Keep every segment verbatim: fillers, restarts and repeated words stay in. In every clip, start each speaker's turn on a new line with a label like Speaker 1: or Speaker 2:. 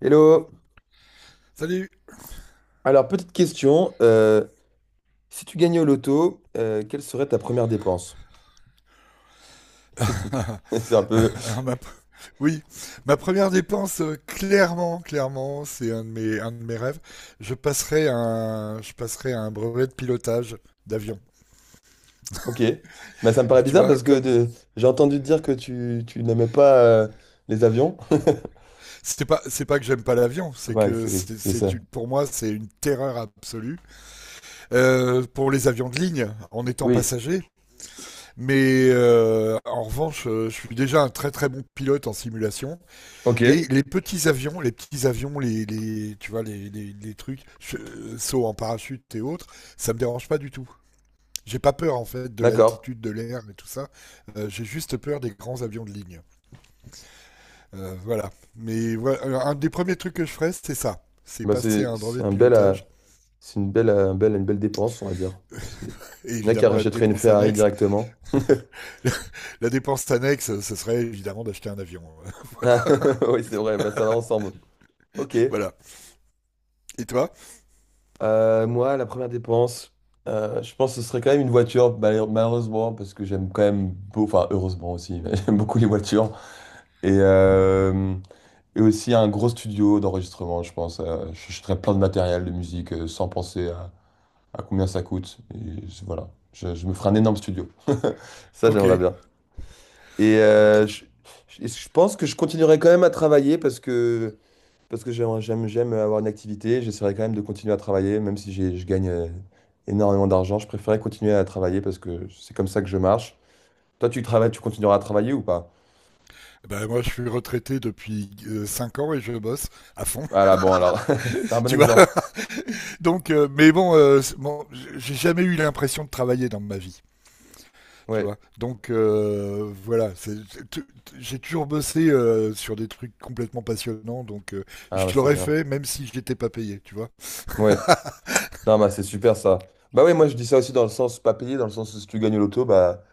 Speaker 1: Hello.
Speaker 2: Salut.
Speaker 1: Alors, petite question. Euh, si tu gagnais au loto, euh, quelle serait ta première dépense? C'est un peu...
Speaker 2: Alors ma, oui, ma première dépense, euh, clairement, clairement, c'est un de mes, un de mes rêves. Je passerai à un, je passerai à un brevet de pilotage d'avion.
Speaker 1: Ok. Bah, ça me paraît
Speaker 2: Tu
Speaker 1: bizarre
Speaker 2: vois,
Speaker 1: parce que
Speaker 2: comme
Speaker 1: de- j'ai entendu dire que tu, tu n'aimais pas euh, les avions.
Speaker 2: c'est pas, c'est pas que j'aime pas l'avion, c'est
Speaker 1: Ouais,
Speaker 2: que
Speaker 1: c'est oui,
Speaker 2: c'est,
Speaker 1: je
Speaker 2: c'est
Speaker 1: sais.
Speaker 2: une- pour moi, c'est une terreur absolue. Euh, pour les avions de ligne en étant
Speaker 1: Oui.
Speaker 2: passager. Mais euh, en revanche, euh, je suis déjà un très très bon pilote en simulation.
Speaker 1: Ok,
Speaker 2: Et les petits avions, les petits avions, les, les tu vois, les, les, les trucs, euh, sauts en parachute et autres, ça me dérange pas du tout. J'ai pas peur en fait de
Speaker 1: d'accord.
Speaker 2: l'altitude, de l'air et tout ça. Euh, J'ai juste peur des grands avions de ligne. Euh, voilà. Mais voilà, euh, un des premiers trucs que je ferais, c'est ça. C'est
Speaker 1: Bah,
Speaker 2: passer à
Speaker 1: c'est
Speaker 2: un
Speaker 1: c'est
Speaker 2: brevet de
Speaker 1: un bel, euh,
Speaker 2: pilotage.
Speaker 1: c'est une belle, euh, un bel- une belle dépense, on va dire. C'est-
Speaker 2: Et
Speaker 1: Il y en a qui
Speaker 2: évidemment, la
Speaker 1: rachèteraient une
Speaker 2: dépense
Speaker 1: Ferrari
Speaker 2: annexe.
Speaker 1: directement.
Speaker 2: La dépense annexe, ce serait évidemment d'acheter un avion.
Speaker 1: Ah, oui, c'est vrai, bah, ça va ensemble. Ok.
Speaker 2: Voilà. Et toi?
Speaker 1: Euh, moi, la première dépense, euh, je pense que ce serait quand même une voiture, mal- malheureusement, parce que j'aime quand même, beau- enfin heureusement aussi, j'aime beaucoup les voitures. Et, euh, et aussi un gros studio d'enregistrement, je pense. Euh, je J'achèterais plein de matériel de musique euh, sans penser à, à combien ça coûte. Et je- voilà, je, je me ferais un énorme studio. Ça,
Speaker 2: Ok.
Speaker 1: j'aimerais bien. Et
Speaker 2: Ok.
Speaker 1: euh, je, je- je pense que je continuerai quand même à travailler parce que parce que j'aime, j'aime j'aime avoir une activité, j'essaierai quand même de continuer à travailler, même si j'ai- je gagne euh, énormément d'argent, je préférerais continuer à travailler parce que c'est comme ça que je marche. Toi, tu travailles, tu continueras à travailler ou pas?
Speaker 2: Ben, moi, je suis retraité depuis euh, cinq ans et je bosse à fond.
Speaker 1: Ah là, bon, alors, c'est un bon
Speaker 2: Tu vois.
Speaker 1: exemple.
Speaker 2: Donc, euh, mais bon, euh, c'est- bon, j'ai jamais eu l'impression de travailler dans ma vie, tu
Speaker 1: Ouais.
Speaker 2: vois. Donc euh, voilà, c'est- c'est- tu- tu- j'ai toujours bossé euh, sur des trucs complètement passionnants, donc euh, je
Speaker 1: Ah, bah, c'est
Speaker 2: l'aurais
Speaker 1: bien.
Speaker 2: fait même si je n'étais pas payé, tu vois.
Speaker 1: Ouais. Non, bah, c'est super ça. Bah oui, moi, je dis ça aussi dans le sens pas payé, dans le sens où si tu gagnes au loto, bah,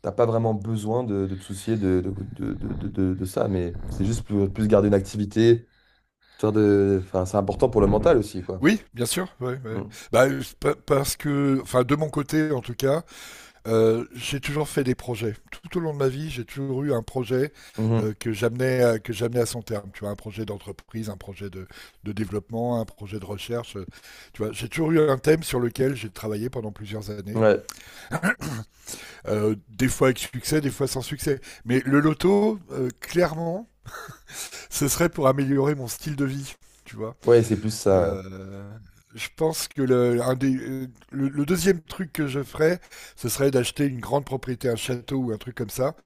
Speaker 1: t'as pas vraiment besoin de, de te soucier de, de, de, de, de- de- de ça, mais c'est juste plus, plus garder une activité, histoire de. Enfin, c'est important pour le mental aussi, quoi.
Speaker 2: Oui, bien sûr, ouais, ouais.
Speaker 1: Mm.
Speaker 2: Bah, euh, pa- parce que, enfin, de mon côté en tout cas. Euh, j'ai toujours fait des projets. Tout au long de ma vie, j'ai toujours eu un projet
Speaker 1: Mhm.
Speaker 2: euh, que j'amenais à- que j'amenais à son terme. Tu vois, un projet d'entreprise, un projet de, de développement, un projet de recherche. euh, tu vois, j'ai toujours eu un thème sur lequel j'ai travaillé pendant plusieurs années.
Speaker 1: Ouais.
Speaker 2: Euh, des fois avec succès, des fois sans succès. Mais le loto, euh, clairement, ce serait pour améliorer mon style de vie. Tu vois.
Speaker 1: Ouais, c'est plus ça. Ouais.
Speaker 2: Euh, je pense que le, un des- euh, le, le deuxième truc que je ferais, ce serait d'acheter une grande propriété, un château ou un truc comme ça,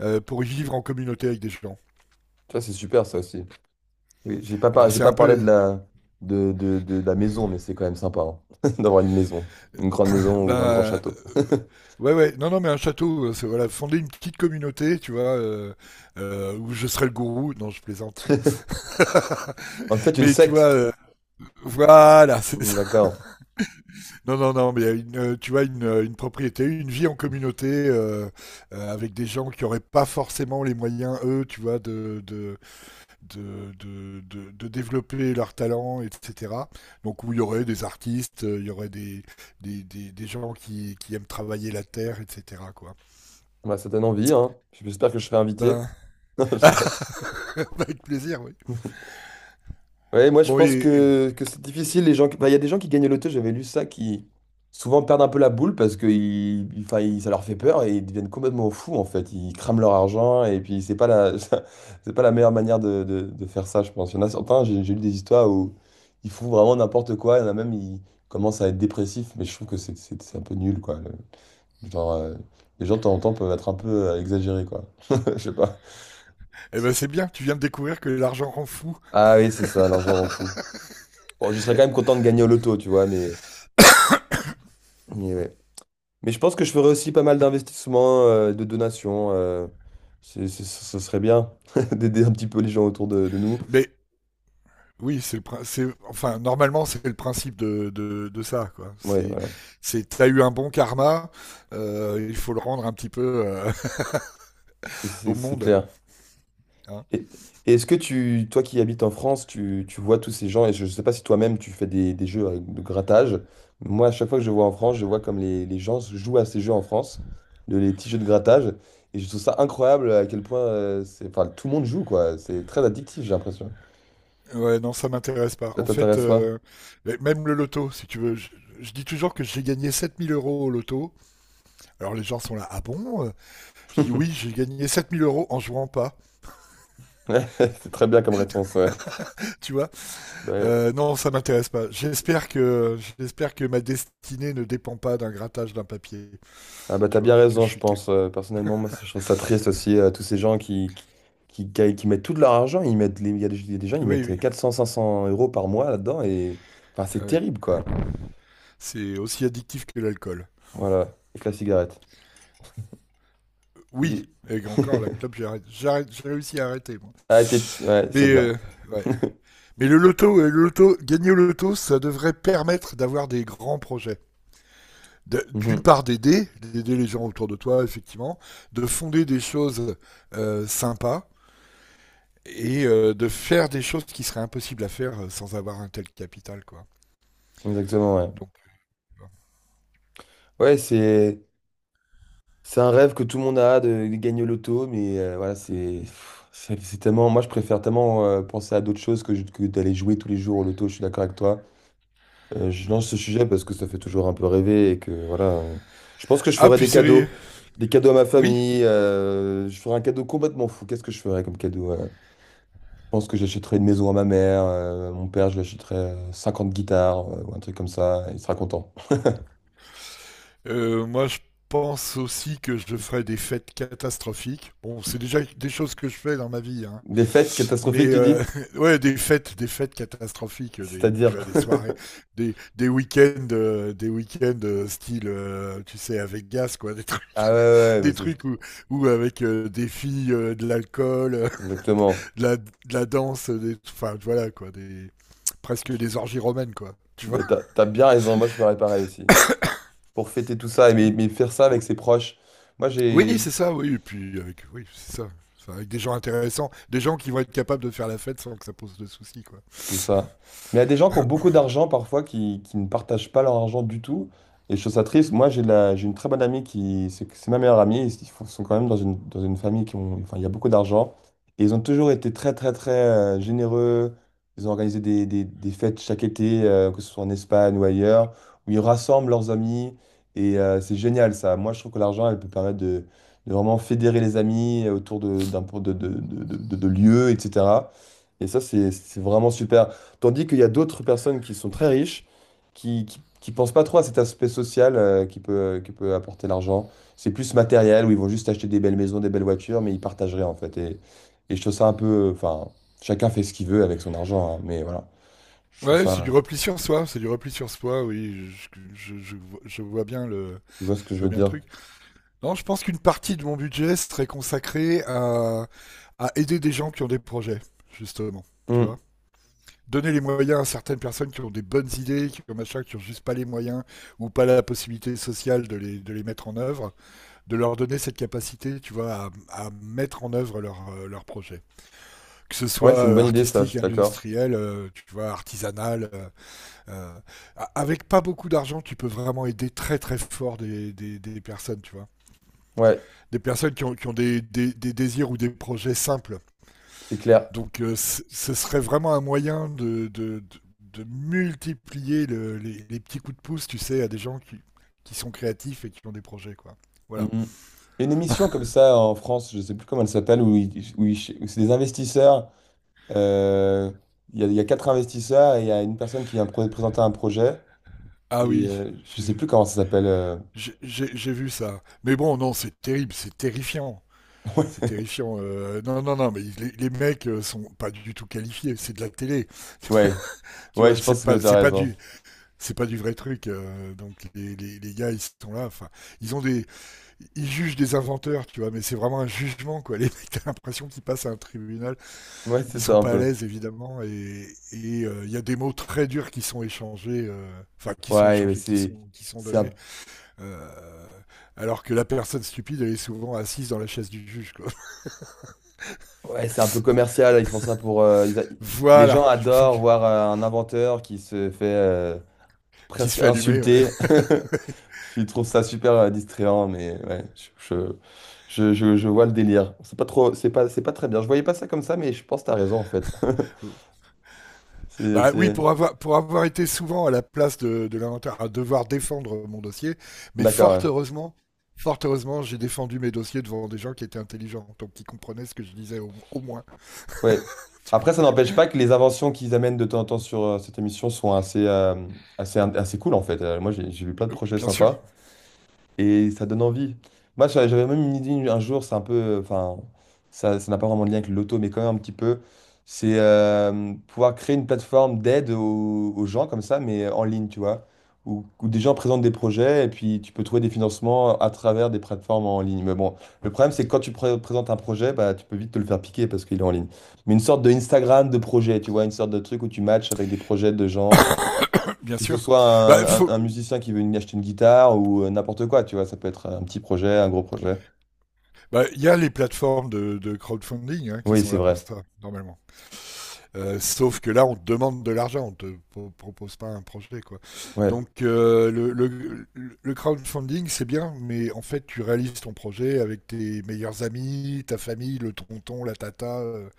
Speaker 2: euh, pour y vivre en communauté avec des gens.
Speaker 1: Tu vois, c'est super ça aussi. Oui, j'ai pas par-
Speaker 2: Alors
Speaker 1: j'ai
Speaker 2: c'est
Speaker 1: pas
Speaker 2: un
Speaker 1: parlé
Speaker 2: peu.
Speaker 1: de la de, de, de la maison, mais c'est quand même sympa hein, d'avoir une maison, une grande
Speaker 2: Bah,
Speaker 1: maison ou un grand
Speaker 2: euh,
Speaker 1: château.
Speaker 2: ouais ouais, non non mais un château, euh, c'est voilà, fonder une petite communauté, tu vois, euh, euh, où je serais le gourou. Non, je plaisante.
Speaker 1: En fait, une
Speaker 2: Mais tu vois,
Speaker 1: secte.
Speaker 2: euh, voilà, c'est
Speaker 1: Hmm,
Speaker 2: ça.
Speaker 1: d'accord.
Speaker 2: Non, non, non, mais il y a une, euh, tu vois, une, euh, une propriété, une vie en communauté euh, euh, avec des gens qui n'auraient pas forcément les moyens, eux, tu vois, de, de, de, de, de- de développer leurs talents, et cetera. Donc, où il y aurait des artistes, euh, il y aurait des, des, des, des gens qui, qui aiment travailler la terre, et cetera, quoi.
Speaker 1: Bah, ça donne envie, hein. J'espère que je serai invité.
Speaker 2: Ben,
Speaker 1: Non, je rigole.
Speaker 2: avec plaisir, oui.
Speaker 1: Ouais, moi je
Speaker 2: Bon, et,
Speaker 1: pense
Speaker 2: et-
Speaker 1: que, que c'est difficile. Les gens, qui- enfin, il y a des gens qui gagnent au loto, j'avais lu ça, qui souvent perdent un peu la boule parce que ils, ils- enfin, ils- ça leur fait peur et ils deviennent complètement fous en fait. Ils crament leur argent et puis c'est pas la, c'est pas la meilleure manière de, de- de faire ça, je pense. Il y en a certains, j'ai j'ai lu des histoires où ils font vraiment n'importe quoi. Il y en a même, ils commencent à être dépressifs, mais je trouve que c'est c'est- c'est un peu nul quoi. Le- genre, euh, les gens de temps en temps peuvent être un peu euh, exagérés quoi. Je sais pas.
Speaker 2: eh ben, c'est bien, tu viens de découvrir que l'argent rend fou.
Speaker 1: Ah oui, c'est ça, l'argent rend fou. Bon, je serais quand même content de gagner au loto, tu vois, mais. Mais ouais. Mais je pense que je ferais aussi pas mal d'investissements, euh, de donations. Euh, c'est, c'est- ce ce serait bien d'aider un petit peu les gens autour de, de nous.
Speaker 2: Mais oui, c'est le prin- c'est enfin normalement c'est le principe de, de, de ça quoi.
Speaker 1: Oui,
Speaker 2: C'est
Speaker 1: voilà,
Speaker 2: c'est t'as eu un bon karma, euh, il faut le rendre un petit peu euh,
Speaker 1: c'est
Speaker 2: au
Speaker 1: c'est- c'est
Speaker 2: monde.
Speaker 1: clair.
Speaker 2: Hein.
Speaker 1: Et, et est-ce que tu, toi qui habites en France, tu, tu vois tous ces gens, et je ne sais pas si toi-même tu fais des, des jeux avec- de grattage. Moi, à chaque fois que je vois en France, je vois comme les, les gens jouent à ces jeux en France, de, les petits jeux de grattage. Et je trouve ça incroyable à quel point euh, c'est, enfin, tout le monde joue, quoi. C'est très addictif, j'ai l'impression.
Speaker 2: Ouais, non, ça m'intéresse pas.
Speaker 1: Ça
Speaker 2: En fait,
Speaker 1: t'intéresse pas?
Speaker 2: euh, mais même le loto, si tu veux, je, je dis toujours que j'ai gagné sept mille euros au loto. Alors les gens sont là, ah bon? euh Je dis oui, j'ai gagné sept mille euros en jouant pas.
Speaker 1: Ouais, c'est très bien comme réponse, ouais.
Speaker 2: Tu vois?
Speaker 1: Ouais.
Speaker 2: Euh, non, ça m'intéresse pas. J'espère que j'espère que ma destinée ne dépend pas d'un grattage d'un papier.
Speaker 1: Ah bah t'as
Speaker 2: Tu
Speaker 1: bien
Speaker 2: vois? Que je
Speaker 1: raison, je
Speaker 2: suis. quel-
Speaker 1: pense. Euh, personnellement, moi, je trouve ça triste aussi, euh, tous ces gens qui, qui, qui, qui- qui mettent tout de leur argent, ils mettent, les- il y a des, il y a des gens, ils
Speaker 2: Oui,
Speaker 1: mettent
Speaker 2: oui.
Speaker 1: quatre cents cinq cents euros par mois là-dedans, et enfin,
Speaker 2: Ah
Speaker 1: c'est
Speaker 2: oui.
Speaker 1: terrible, quoi.
Speaker 2: C'est aussi addictif que l'alcool.
Speaker 1: Voilà, avec la cigarette.
Speaker 2: Oui,
Speaker 1: Et...
Speaker 2: et encore la clope, j'ai arrêté- j'ai arrêté- j'ai réussi à arrêter. Moi.
Speaker 1: Ah, t'es- ouais, c'est
Speaker 2: Mais,
Speaker 1: bien.
Speaker 2: euh, ouais. Mais le loto, euh, le loto, gagner au loto, ça devrait permettre d'avoir des grands projets. De- D'une
Speaker 1: Mhm,
Speaker 2: part, d'aider, d'aider les gens autour de toi, effectivement, de fonder des choses euh, sympas et euh, de faire des choses qui seraient impossibles à faire euh, sans avoir un tel capital, quoi.
Speaker 1: exactement, ouais.
Speaker 2: Donc, euh, bon.
Speaker 1: Ouais, c'est c'est un rêve que tout le monde a de, de gagner au loto, mais euh, voilà, c'est pff, c'est c'est tellement. Moi, je préfère tellement euh, penser à d'autres choses que, je- que d'aller jouer tous les jours au loto, je suis d'accord avec toi. Euh, je lance ce sujet parce que ça fait toujours un peu rêver et que voilà. euh, Je pense que je
Speaker 2: Ah,
Speaker 1: ferais
Speaker 2: puis
Speaker 1: des
Speaker 2: c'est... ré-
Speaker 1: cadeaux. Des cadeaux à ma
Speaker 2: Oui?
Speaker 1: famille. Euh, je ferais un cadeau complètement fou. Qu'est-ce que je ferais comme cadeau? Euh, je pense que j'achèterais une maison à ma mère. Euh, à mon père, je lui achèterais euh, cinquante guitares euh, ou un truc comme ça. Il sera content.
Speaker 2: Euh, moi, je pense aussi que je ferai des fêtes catastrophiques. Bon, c'est déjà des choses que je fais dans ma vie, hein.
Speaker 1: Des fêtes
Speaker 2: Mais
Speaker 1: catastrophiques, tu
Speaker 2: euh,
Speaker 1: dis?
Speaker 2: ouais, des fêtes, des fêtes catastrophiques, des, tu
Speaker 1: C'est-à-dire.
Speaker 2: as des soirées, des, des week-ends, euh, des week-ends euh, style, euh, tu sais, avec gaz, quoi, des trucs,
Speaker 1: Ah ouais, ouais, ouais, mais
Speaker 2: des
Speaker 1: c'est...
Speaker 2: trucs où, où avec euh, des filles, euh, de l'alcool, euh,
Speaker 1: Exactement.
Speaker 2: de la, de la danse, des, enfin voilà, quoi, des,
Speaker 1: Tu
Speaker 2: presque
Speaker 1: te-
Speaker 2: des orgies romaines, quoi. Tu vois?
Speaker 1: mais T'as, t'as bien raison. Moi, je ferais pareil aussi. Pour fêter tout ça, et mais, mais faire ça avec ses proches. Moi,
Speaker 2: Oui,
Speaker 1: j'ai
Speaker 2: c'est ça, oui, et puis avec oui, c'est ça. Enfin, avec des gens intéressants, des gens qui vont être capables de faire la fête sans que ça pose de soucis, quoi.
Speaker 1: c'est ça. Mais il y a des gens qui ont beaucoup d'argent parfois qui, qui ne partagent pas leur argent du tout. Et je trouve ça triste. Moi, j'ai de la, j'ai une très bonne amie qui, c'est c'est ma meilleure amie. Ils font- sont quand même dans une, dans une famille qui ont, enfin, il y a beaucoup d'argent. Et ils ont toujours été très, très, très euh, généreux. Ils ont organisé des, des- des fêtes chaque été, euh, que ce soit en Espagne ou ailleurs, où ils rassemblent leurs amis. Et euh, c'est génial, ça. Moi, je trouve que l'argent, elle peut permettre de, de vraiment fédérer les amis autour de, d'un, de, de, de, de de- de lieux, et cetera. Et ça, c'est c'est vraiment super. Tandis qu'il y a d'autres personnes qui sont très riches, qui, qui, qui pensent pas trop à cet aspect social euh, qui peut, euh, qui peut apporter l'argent. C'est plus matériel, où ils vont juste acheter des belles maisons, des belles voitures, mais ils partagent rien, en fait. Et, et je trouve ça un peu... Enfin, chacun fait ce qu'il veut avec son argent, hein, mais voilà. Je trouve
Speaker 2: Ouais, c'est du
Speaker 1: ça...
Speaker 2: repli sur soi, c'est du repli sur soi, oui, je, je- je vois je vois bien le,
Speaker 1: Tu vois ce que
Speaker 2: je
Speaker 1: je veux
Speaker 2: vois bien le
Speaker 1: dire?
Speaker 2: truc. Non, je pense qu'une partie de mon budget serait consacrée à, à aider des gens qui ont des projets, justement, tu
Speaker 1: Hmm.
Speaker 2: vois. Donner les moyens à certaines personnes qui ont des bonnes idées, qui ont machin, qui ont juste pas les moyens ou pas la possibilité sociale de les, de les mettre en œuvre de leur donner cette capacité, tu vois, à, à mettre en œuvre leur, euh, leur projet. Que ce
Speaker 1: Ouais,
Speaker 2: soit
Speaker 1: c'est une
Speaker 2: euh,
Speaker 1: bonne idée, ça, je
Speaker 2: artistique,
Speaker 1: suis d'accord.
Speaker 2: industriel, euh, tu vois, artisanal. euh, euh, a- avec pas beaucoup d'argent, tu peux vraiment aider très très fort des, des, des personnes, tu vois.
Speaker 1: Ouais,
Speaker 2: Des personnes qui ont, qui ont des, des, des désirs ou des projets simples.
Speaker 1: c'est clair.
Speaker 2: Donc euh, c- ce serait vraiment un moyen de, de, de, de multiplier le- les, les petits coups de pouce, tu sais, à des gens qui, qui sont créatifs et qui ont des projets, quoi.
Speaker 1: Hmm,
Speaker 2: Voilà.
Speaker 1: hmm. Il y a une émission comme ça en France, je sais plus comment elle s'appelle, où, ils- où ils- où c'est des investisseurs. Euh, Il y a, il y a quatre investisseurs et il y a une personne qui vient pr- présenter un projet.
Speaker 2: Ah
Speaker 1: Et
Speaker 2: oui,
Speaker 1: euh, je sais plus comment ça s'appelle. euh,
Speaker 2: J'ai- J'ai j'ai vu ça. Mais bon, non, c'est terrible, c'est terrifiant. C'est terrifiant. euh, non, non, non, mais les, les mecs euh, sont pas du tout qualifiés. C'est de la télé,
Speaker 1: Ouais,
Speaker 2: tu
Speaker 1: ouais,
Speaker 2: vois.
Speaker 1: je
Speaker 2: C'est
Speaker 1: pense que
Speaker 2: pas,
Speaker 1: tu as
Speaker 2: c'est pas
Speaker 1: raison.
Speaker 2: du, c'est pas du vrai truc. euh, donc les, les, les gars, ils sont là. Enfin, ils ont des, ils jugent des inventeurs, tu vois. Mais c'est vraiment un jugement, quoi. Les mecs, t'as l'impression qu'ils passent à un tribunal.
Speaker 1: Ouais, c'est
Speaker 2: Ils
Speaker 1: ça
Speaker 2: sont
Speaker 1: un
Speaker 2: pas à
Speaker 1: peu.
Speaker 2: l'aise, évidemment. Et et, euh, il y a des mots très durs qui sont échangés, euh, enfin qui sont
Speaker 1: Ouais, mais
Speaker 2: échangés, qui
Speaker 1: c'est
Speaker 2: sont qui sont
Speaker 1: c'est
Speaker 2: donnés.
Speaker 1: un...
Speaker 2: Euh, alors que la personne stupide, elle est souvent assise dans la chaise du juge. Quoi.
Speaker 1: Ouais, c'est un peu commercial. Ils font ça pour. euh, ils a- Les
Speaker 2: Voilà,
Speaker 1: gens
Speaker 2: il faut que-
Speaker 1: adorent voir euh, un inventeur qui se fait euh,
Speaker 2: qu'il se
Speaker 1: presque
Speaker 2: fait allumer. Ouais.
Speaker 1: insulter. Ils trouvent ça super euh, distrayant, mais ouais, je, je, je, je- je vois le délire. C'est pas trop, c'est pas, c'est pas très bien. Je voyais pas ça comme ça, mais je pense que tu raison en fait. C'est,
Speaker 2: Bah oui,
Speaker 1: c'est-
Speaker 2: pour avoir, pour avoir été souvent à la place de, de l'inventeur, à devoir défendre mon dossier, mais
Speaker 1: D'accord,
Speaker 2: fort
Speaker 1: ouais.
Speaker 2: heureusement, fort heureusement, j'ai défendu mes dossiers devant des gens qui étaient intelligents, donc qui comprenaient ce que je disais au, au moins.
Speaker 1: Ouais. Après, ça n'empêche pas que les inventions qu'ils amènent de temps en temps sur euh, cette émission sont assez, euh, assez, in- assez cool, en fait. Euh, moi, j'ai j'ai vu plein de
Speaker 2: Euh,
Speaker 1: projets
Speaker 2: Bien sûr,
Speaker 1: sympas. Et ça donne envie. Moi, j'a- j'avais même une idée un jour, c'est un peu. euh, Enfin, ça, ça n'a pas vraiment de lien avec le loto, mais quand même un petit peu. C'est euh, pouvoir créer une plateforme d'aide aux, aux gens comme ça, mais en ligne, tu vois. Où, où des gens présentent des projets et puis tu peux trouver des financements à travers des plateformes en ligne. Mais bon, le problème, c'est que quand tu pré- présentes un projet, bah, tu peux vite te le faire piquer parce qu'il est en ligne. Mais une sorte de Instagram de projet, tu vois, une sorte de truc où tu matches avec des projets de gens
Speaker 2: bien
Speaker 1: que ce
Speaker 2: sûr.
Speaker 1: soit un,
Speaker 2: Bah,
Speaker 1: un-
Speaker 2: faut,
Speaker 1: un musicien qui veut une- acheter une guitare ou euh, n'importe quoi, tu vois, ça peut être un petit projet, un gros projet.
Speaker 2: Bah, Il y a les plateformes de, de crowdfunding hein, qui
Speaker 1: Oui,
Speaker 2: sont
Speaker 1: c'est
Speaker 2: là pour
Speaker 1: vrai.
Speaker 2: ça, normalement. Euh, sauf que là, on te demande de l'argent, on te pro- propose pas un projet, quoi.
Speaker 1: Ouais.
Speaker 2: Donc, euh, le, le- le crowdfunding, c'est bien, mais en fait, tu réalises ton projet avec tes meilleurs amis, ta famille, le tonton, la tata. euh,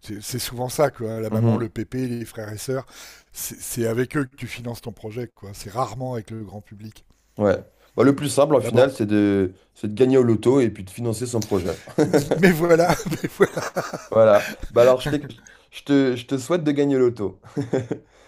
Speaker 2: C'est c'est souvent ça, quoi. Hein, la maman,
Speaker 1: Mhm.
Speaker 2: le pépé, les frères et sœurs. C'est c'est avec eux que tu finances ton projet, quoi. C'est rarement avec le grand public.
Speaker 1: Ouais. Bah, le plus simple, en final,
Speaker 2: D'abord,
Speaker 1: c'est de, c'est de gagner au loto et puis de financer son projet.
Speaker 2: mais voilà,
Speaker 1: Voilà. Bah alors, je t'ai- je te, je te souhaite de gagner au loto.